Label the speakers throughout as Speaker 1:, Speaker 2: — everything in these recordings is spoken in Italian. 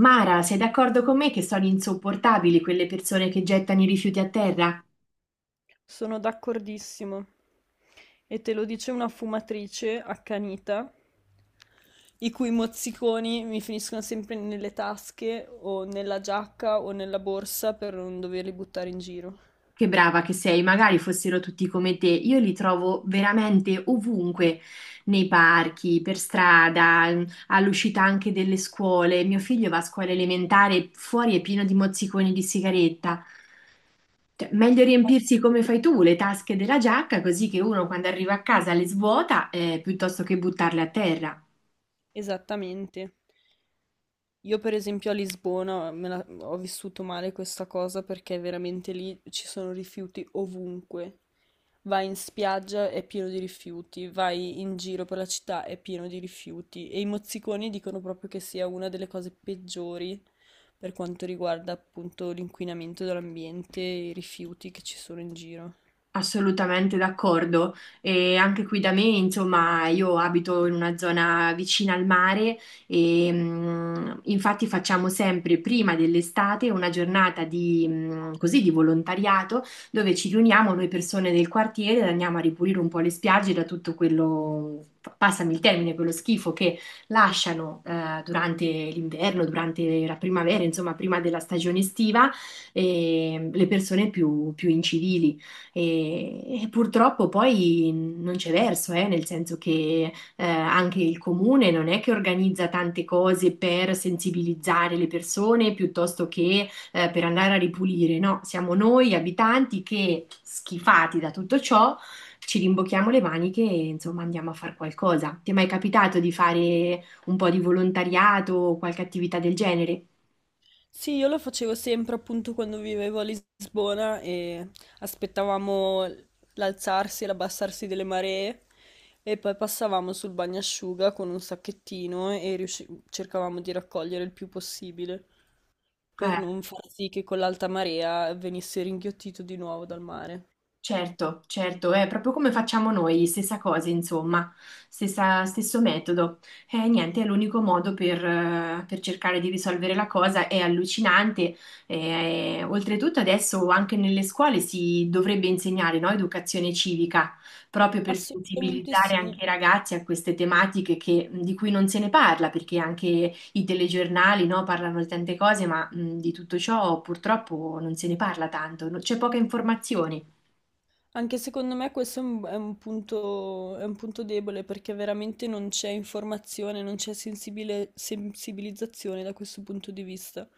Speaker 1: Mara, sei d'accordo con me che sono insopportabili quelle persone che gettano i rifiuti a terra?
Speaker 2: Sono d'accordissimo. E te lo dice una fumatrice accanita, i cui mozziconi mi finiscono sempre nelle tasche o nella giacca o nella borsa per non doverli buttare in giro.
Speaker 1: Che brava che sei, magari fossero tutti come te. Io li trovo veramente ovunque, nei parchi, per strada, all'uscita anche delle scuole. Mio figlio va a scuola elementare, fuori è pieno di mozziconi di sigaretta. Cioè, meglio riempirsi come fai tu le tasche della giacca, così che uno quando arriva a casa le svuota, piuttosto che buttarle a terra.
Speaker 2: Esattamente. Io per esempio a Lisbona ho vissuto male questa cosa perché veramente lì ci sono rifiuti ovunque. Vai in spiaggia è pieno di rifiuti, vai in giro per la città è pieno di rifiuti e i mozziconi dicono proprio che sia una delle cose peggiori per quanto riguarda appunto l'inquinamento dell'ambiente e i rifiuti che ci sono in giro.
Speaker 1: Assolutamente d'accordo. E anche qui da me, insomma, io abito in una zona vicina al mare e infatti facciamo sempre prima dell'estate una giornata di, così, di volontariato dove ci riuniamo noi persone del quartiere e andiamo a ripulire un po' le spiagge da tutto quello, passami il termine, quello schifo che lasciano durante l'inverno, durante la primavera, insomma, prima della stagione estiva, le persone più incivili. E purtroppo poi non c'è verso, nel senso che anche il comune non è che organizza tante cose per sensibilizzare le persone piuttosto che per andare a ripulire, no? Siamo noi abitanti che, schifati da tutto ciò, ci rimbocchiamo le maniche e insomma andiamo a fare qualcosa. Ti è mai capitato di fare un po' di volontariato o qualche attività del genere?
Speaker 2: Sì, io lo facevo sempre appunto quando vivevo a Lisbona e aspettavamo l'alzarsi e l'abbassarsi delle maree e poi passavamo sul bagnasciuga con un sacchettino e cercavamo di raccogliere il più possibile per
Speaker 1: Eh.
Speaker 2: non far sì che con l'alta marea venisse ringhiottito di nuovo dal mare.
Speaker 1: Certo, certo, è proprio come facciamo noi, stessa cosa, insomma, stesso metodo. E niente, è l'unico modo per cercare di risolvere la cosa, è allucinante. Oltretutto adesso anche nelle scuole si dovrebbe insegnare, no, educazione civica, proprio per
Speaker 2: Assolutamente
Speaker 1: sensibilizzare
Speaker 2: sì.
Speaker 1: anche i ragazzi a queste tematiche di cui non se ne parla, perché anche i telegiornali, no, parlano di tante cose, ma di tutto ciò purtroppo non se ne parla tanto, c'è poca informazione.
Speaker 2: Anche secondo me questo è è un è un punto debole perché veramente non c'è informazione, non c'è sensibilizzazione da questo punto di vista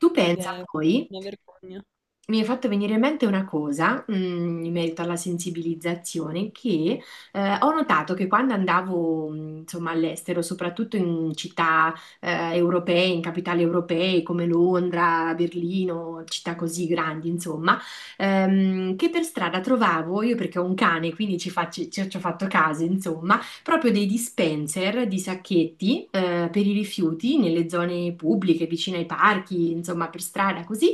Speaker 1: Tu
Speaker 2: ed
Speaker 1: pensa
Speaker 2: è
Speaker 1: poi
Speaker 2: una vergogna.
Speaker 1: mi è fatto venire in mente una cosa, in merito alla sensibilizzazione, che ho notato che quando andavo, insomma, all'estero, soprattutto in città europee, in capitali europee come Londra, Berlino, città così grandi, insomma, che per strada trovavo, io perché ho un cane, quindi ci faccio, ci ho fatto caso, insomma, proprio dei dispenser di sacchetti per i rifiuti nelle zone pubbliche, vicino ai parchi, insomma, per strada, così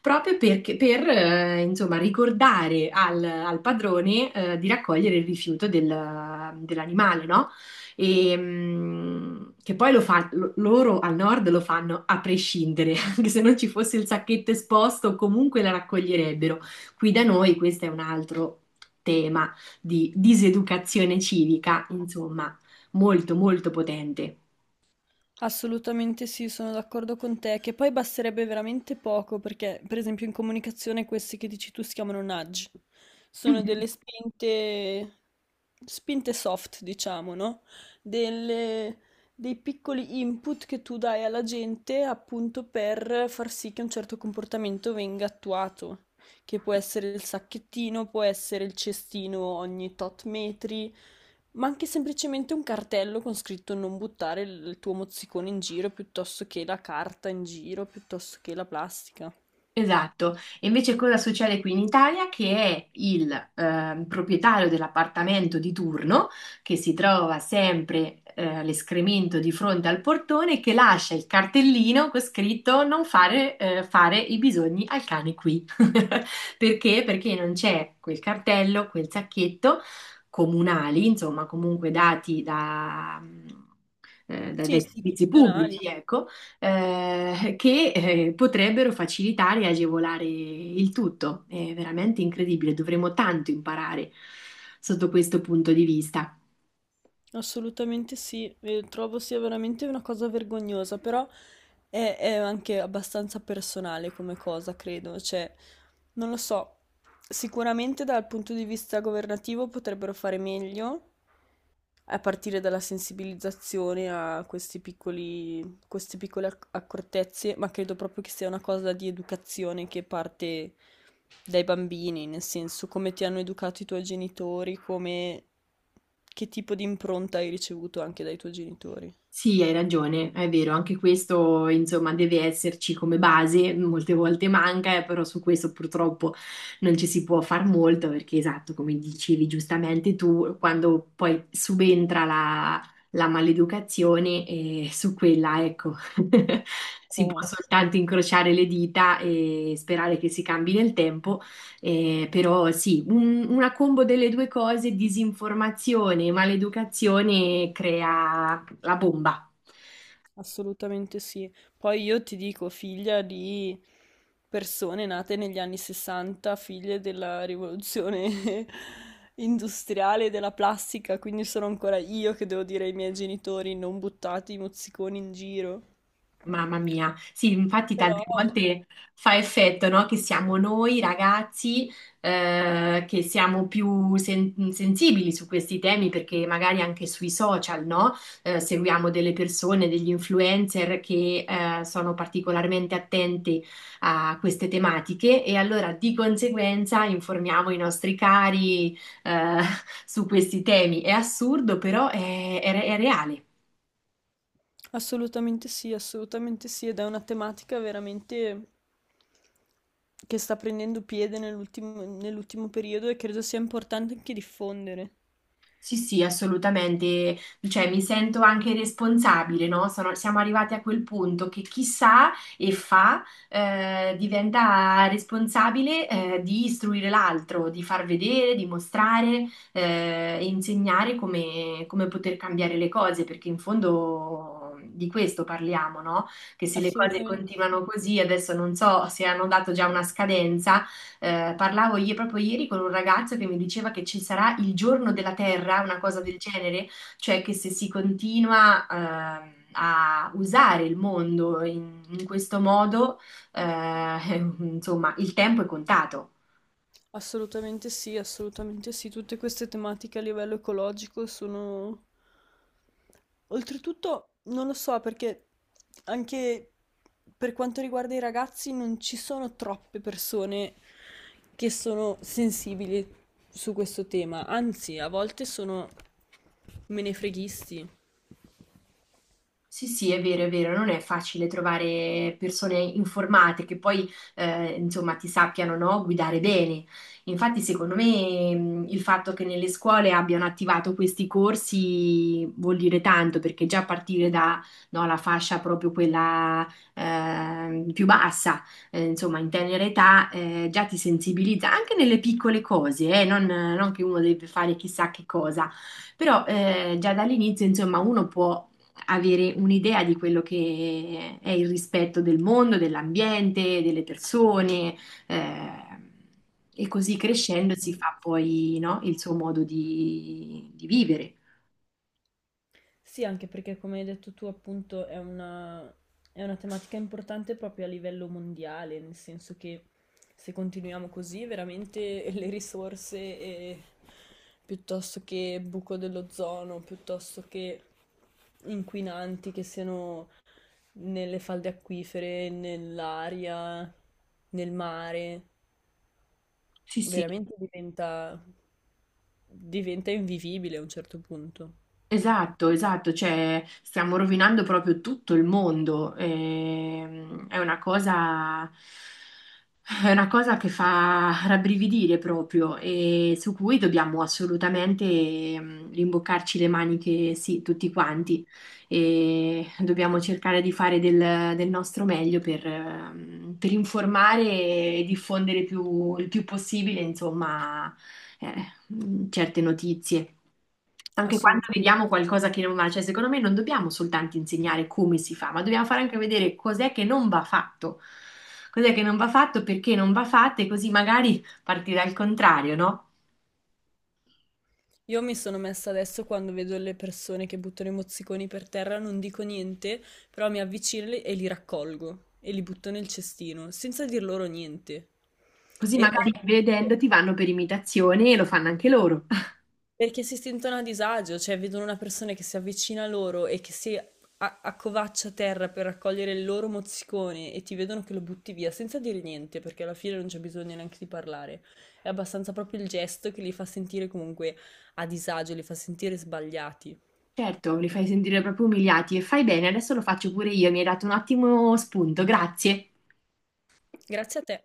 Speaker 1: proprio perché, per, insomma, ricordare al, al padrone, di raccogliere il rifiuto dell'animale, no? E, che poi loro al nord lo fanno a prescindere, anche se non ci fosse il sacchetto esposto, comunque la raccoglierebbero. Qui da noi questo è un altro tema di diseducazione civica, insomma, molto molto potente.
Speaker 2: Assolutamente sì, sono d'accordo con te, che poi basterebbe veramente poco, perché per esempio in comunicazione questi che dici tu si chiamano nudge, sono delle spinte, spinte soft, diciamo, no? Delle- dei piccoli input che tu dai alla gente appunto per far sì che un certo comportamento venga attuato, che può essere il sacchettino, può essere il cestino ogni tot metri. Ma anche semplicemente un cartello con scritto non buttare il tuo mozzicone in giro, piuttosto che la carta in giro, piuttosto che la plastica.
Speaker 1: Esatto, e invece cosa succede qui in Italia? Che è il proprietario dell'appartamento di turno che si trova sempre l'escremento di fronte al portone che lascia il cartellino con scritto non fare, fare i bisogni al cane qui. Perché? Perché non c'è quel cartello, quel sacchetto comunali, insomma, comunque dati da,
Speaker 2: Sì,
Speaker 1: dai servizi
Speaker 2: istituzionali,
Speaker 1: pubblici, ecco, che potrebbero facilitare e agevolare il tutto. È veramente incredibile, dovremmo tanto imparare sotto questo punto di vista.
Speaker 2: assolutamente sì. E trovo sia veramente una cosa vergognosa, però è anche abbastanza personale come cosa, credo. Cioè, non lo so, sicuramente dal punto di vista governativo potrebbero fare meglio, a partire dalla sensibilizzazione a questi piccoli, queste piccole accortezze, ma credo proprio che sia una cosa di educazione che parte dai bambini, nel senso come ti hanno educato i tuoi genitori, come che tipo di impronta hai ricevuto anche dai tuoi genitori.
Speaker 1: Sì, hai ragione, è vero, anche questo insomma deve esserci come base, molte volte manca, però su questo purtroppo non ci si può far molto perché esatto, come dicevi giustamente tu, quando poi subentra la, la maleducazione, su quella, ecco, si può
Speaker 2: Eh.
Speaker 1: soltanto incrociare le dita e sperare che si cambi nel tempo, però sì, una combo delle due cose, disinformazione e maleducazione, crea la bomba.
Speaker 2: Assolutamente sì. Poi io ti dico, figlia di persone nate negli anni 60, figlie della rivoluzione industriale e della plastica, quindi sono ancora io che devo dire ai miei genitori non buttate i mozziconi in giro.
Speaker 1: Mamma mia, sì, infatti tante
Speaker 2: Però
Speaker 1: volte fa effetto, no? Che siamo noi ragazzi che siamo più sensibili su questi temi perché magari anche sui social, no? Seguiamo delle persone, degli influencer che sono particolarmente attenti a queste tematiche e allora di conseguenza informiamo i nostri cari eh, su questi temi. È assurdo, però è reale.
Speaker 2: assolutamente sì, ed è una tematica veramente che sta prendendo piede nell'ultimo periodo e credo sia importante anche diffondere.
Speaker 1: Sì, sì, assolutamente. Cioè, mi sento anche responsabile, no? Siamo arrivati a quel punto che chi sa e fa diventa responsabile di istruire l'altro, di far vedere, di mostrare e insegnare come, come poter cambiare le cose, perché in fondo di questo parliamo, no? Che se le cose
Speaker 2: Assolutamente sì.
Speaker 1: continuano così, adesso non so se hanno dato già una scadenza parlavo io proprio ieri con un ragazzo che mi diceva che ci sarà il giorno della Terra, una cosa del genere, cioè che se si continua, a usare il mondo in, in questo modo, eh, insomma, il tempo è contato.
Speaker 2: Assolutamente sì, assolutamente sì. Tutte queste tematiche a livello ecologico sono... Oltretutto, non lo so, perché anche per quanto riguarda i ragazzi non ci sono troppe persone che sono sensibili su questo tema, anzi, a volte sono menefreghisti.
Speaker 1: Sì, sì, è vero, non è facile trovare persone informate che poi, insomma, ti sappiano, no, guidare bene. Infatti, secondo me, il fatto che nelle scuole abbiano attivato questi corsi vuol dire tanto, perché già a partire da, no, la fascia proprio quella, più bassa, insomma, in tenera età, già ti sensibilizza anche nelle piccole cose, non, non che uno deve fare chissà che cosa. Però già dall'inizio, insomma, uno può avere un'idea di quello che è il rispetto del mondo, dell'ambiente, delle persone, eh, e così crescendo si fa
Speaker 2: Assolutamente.
Speaker 1: poi, no, il suo modo di vivere.
Speaker 2: Sì, anche perché come hai detto tu, appunto, è è una tematica importante proprio a livello mondiale, nel senso che se continuiamo così, veramente le risorse, piuttosto che buco dell'ozono, piuttosto che inquinanti che siano nelle falde acquifere, nell'aria, nel mare,
Speaker 1: Sì, sì.
Speaker 2: veramente diventa invivibile a un certo punto.
Speaker 1: Esatto, esatto, cioè stiamo rovinando proprio tutto il mondo. È una cosa, è una cosa che fa rabbrividire proprio e su cui dobbiamo assolutamente rimboccarci le maniche, sì, tutti quanti. E dobbiamo cercare di fare del, del nostro meglio per informare e diffondere il più possibile, insomma, certe notizie. Anche quando
Speaker 2: Assolutamente.
Speaker 1: vediamo
Speaker 2: Sì.
Speaker 1: qualcosa che non va, cioè secondo me non dobbiamo soltanto insegnare come si fa, ma dobbiamo fare anche vedere cos'è che non va fatto, cos'è che non va fatto, perché non va fatto e così magari parti dal contrario, no?
Speaker 2: Io mi sono messa adesso quando vedo le persone che buttano i mozziconi per terra, non dico niente, però mi avvicino e li raccolgo e li butto nel cestino, senza dir loro niente.
Speaker 1: Così
Speaker 2: E
Speaker 1: magari vedendo ti vanno per imitazione e lo fanno anche loro.
Speaker 2: perché si sentono a disagio, cioè vedono una persona che si avvicina a loro e che si accovaccia a terra per raccogliere il loro mozzicone e ti vedono che lo butti via senza dire niente, perché alla fine non c'è bisogno neanche di parlare. È abbastanza proprio il gesto che li fa sentire comunque a disagio, li fa sentire sbagliati.
Speaker 1: Certo, li fai sentire proprio umiliati e fai bene, adesso lo faccio pure io, mi hai dato un ottimo spunto, grazie.
Speaker 2: Grazie a te.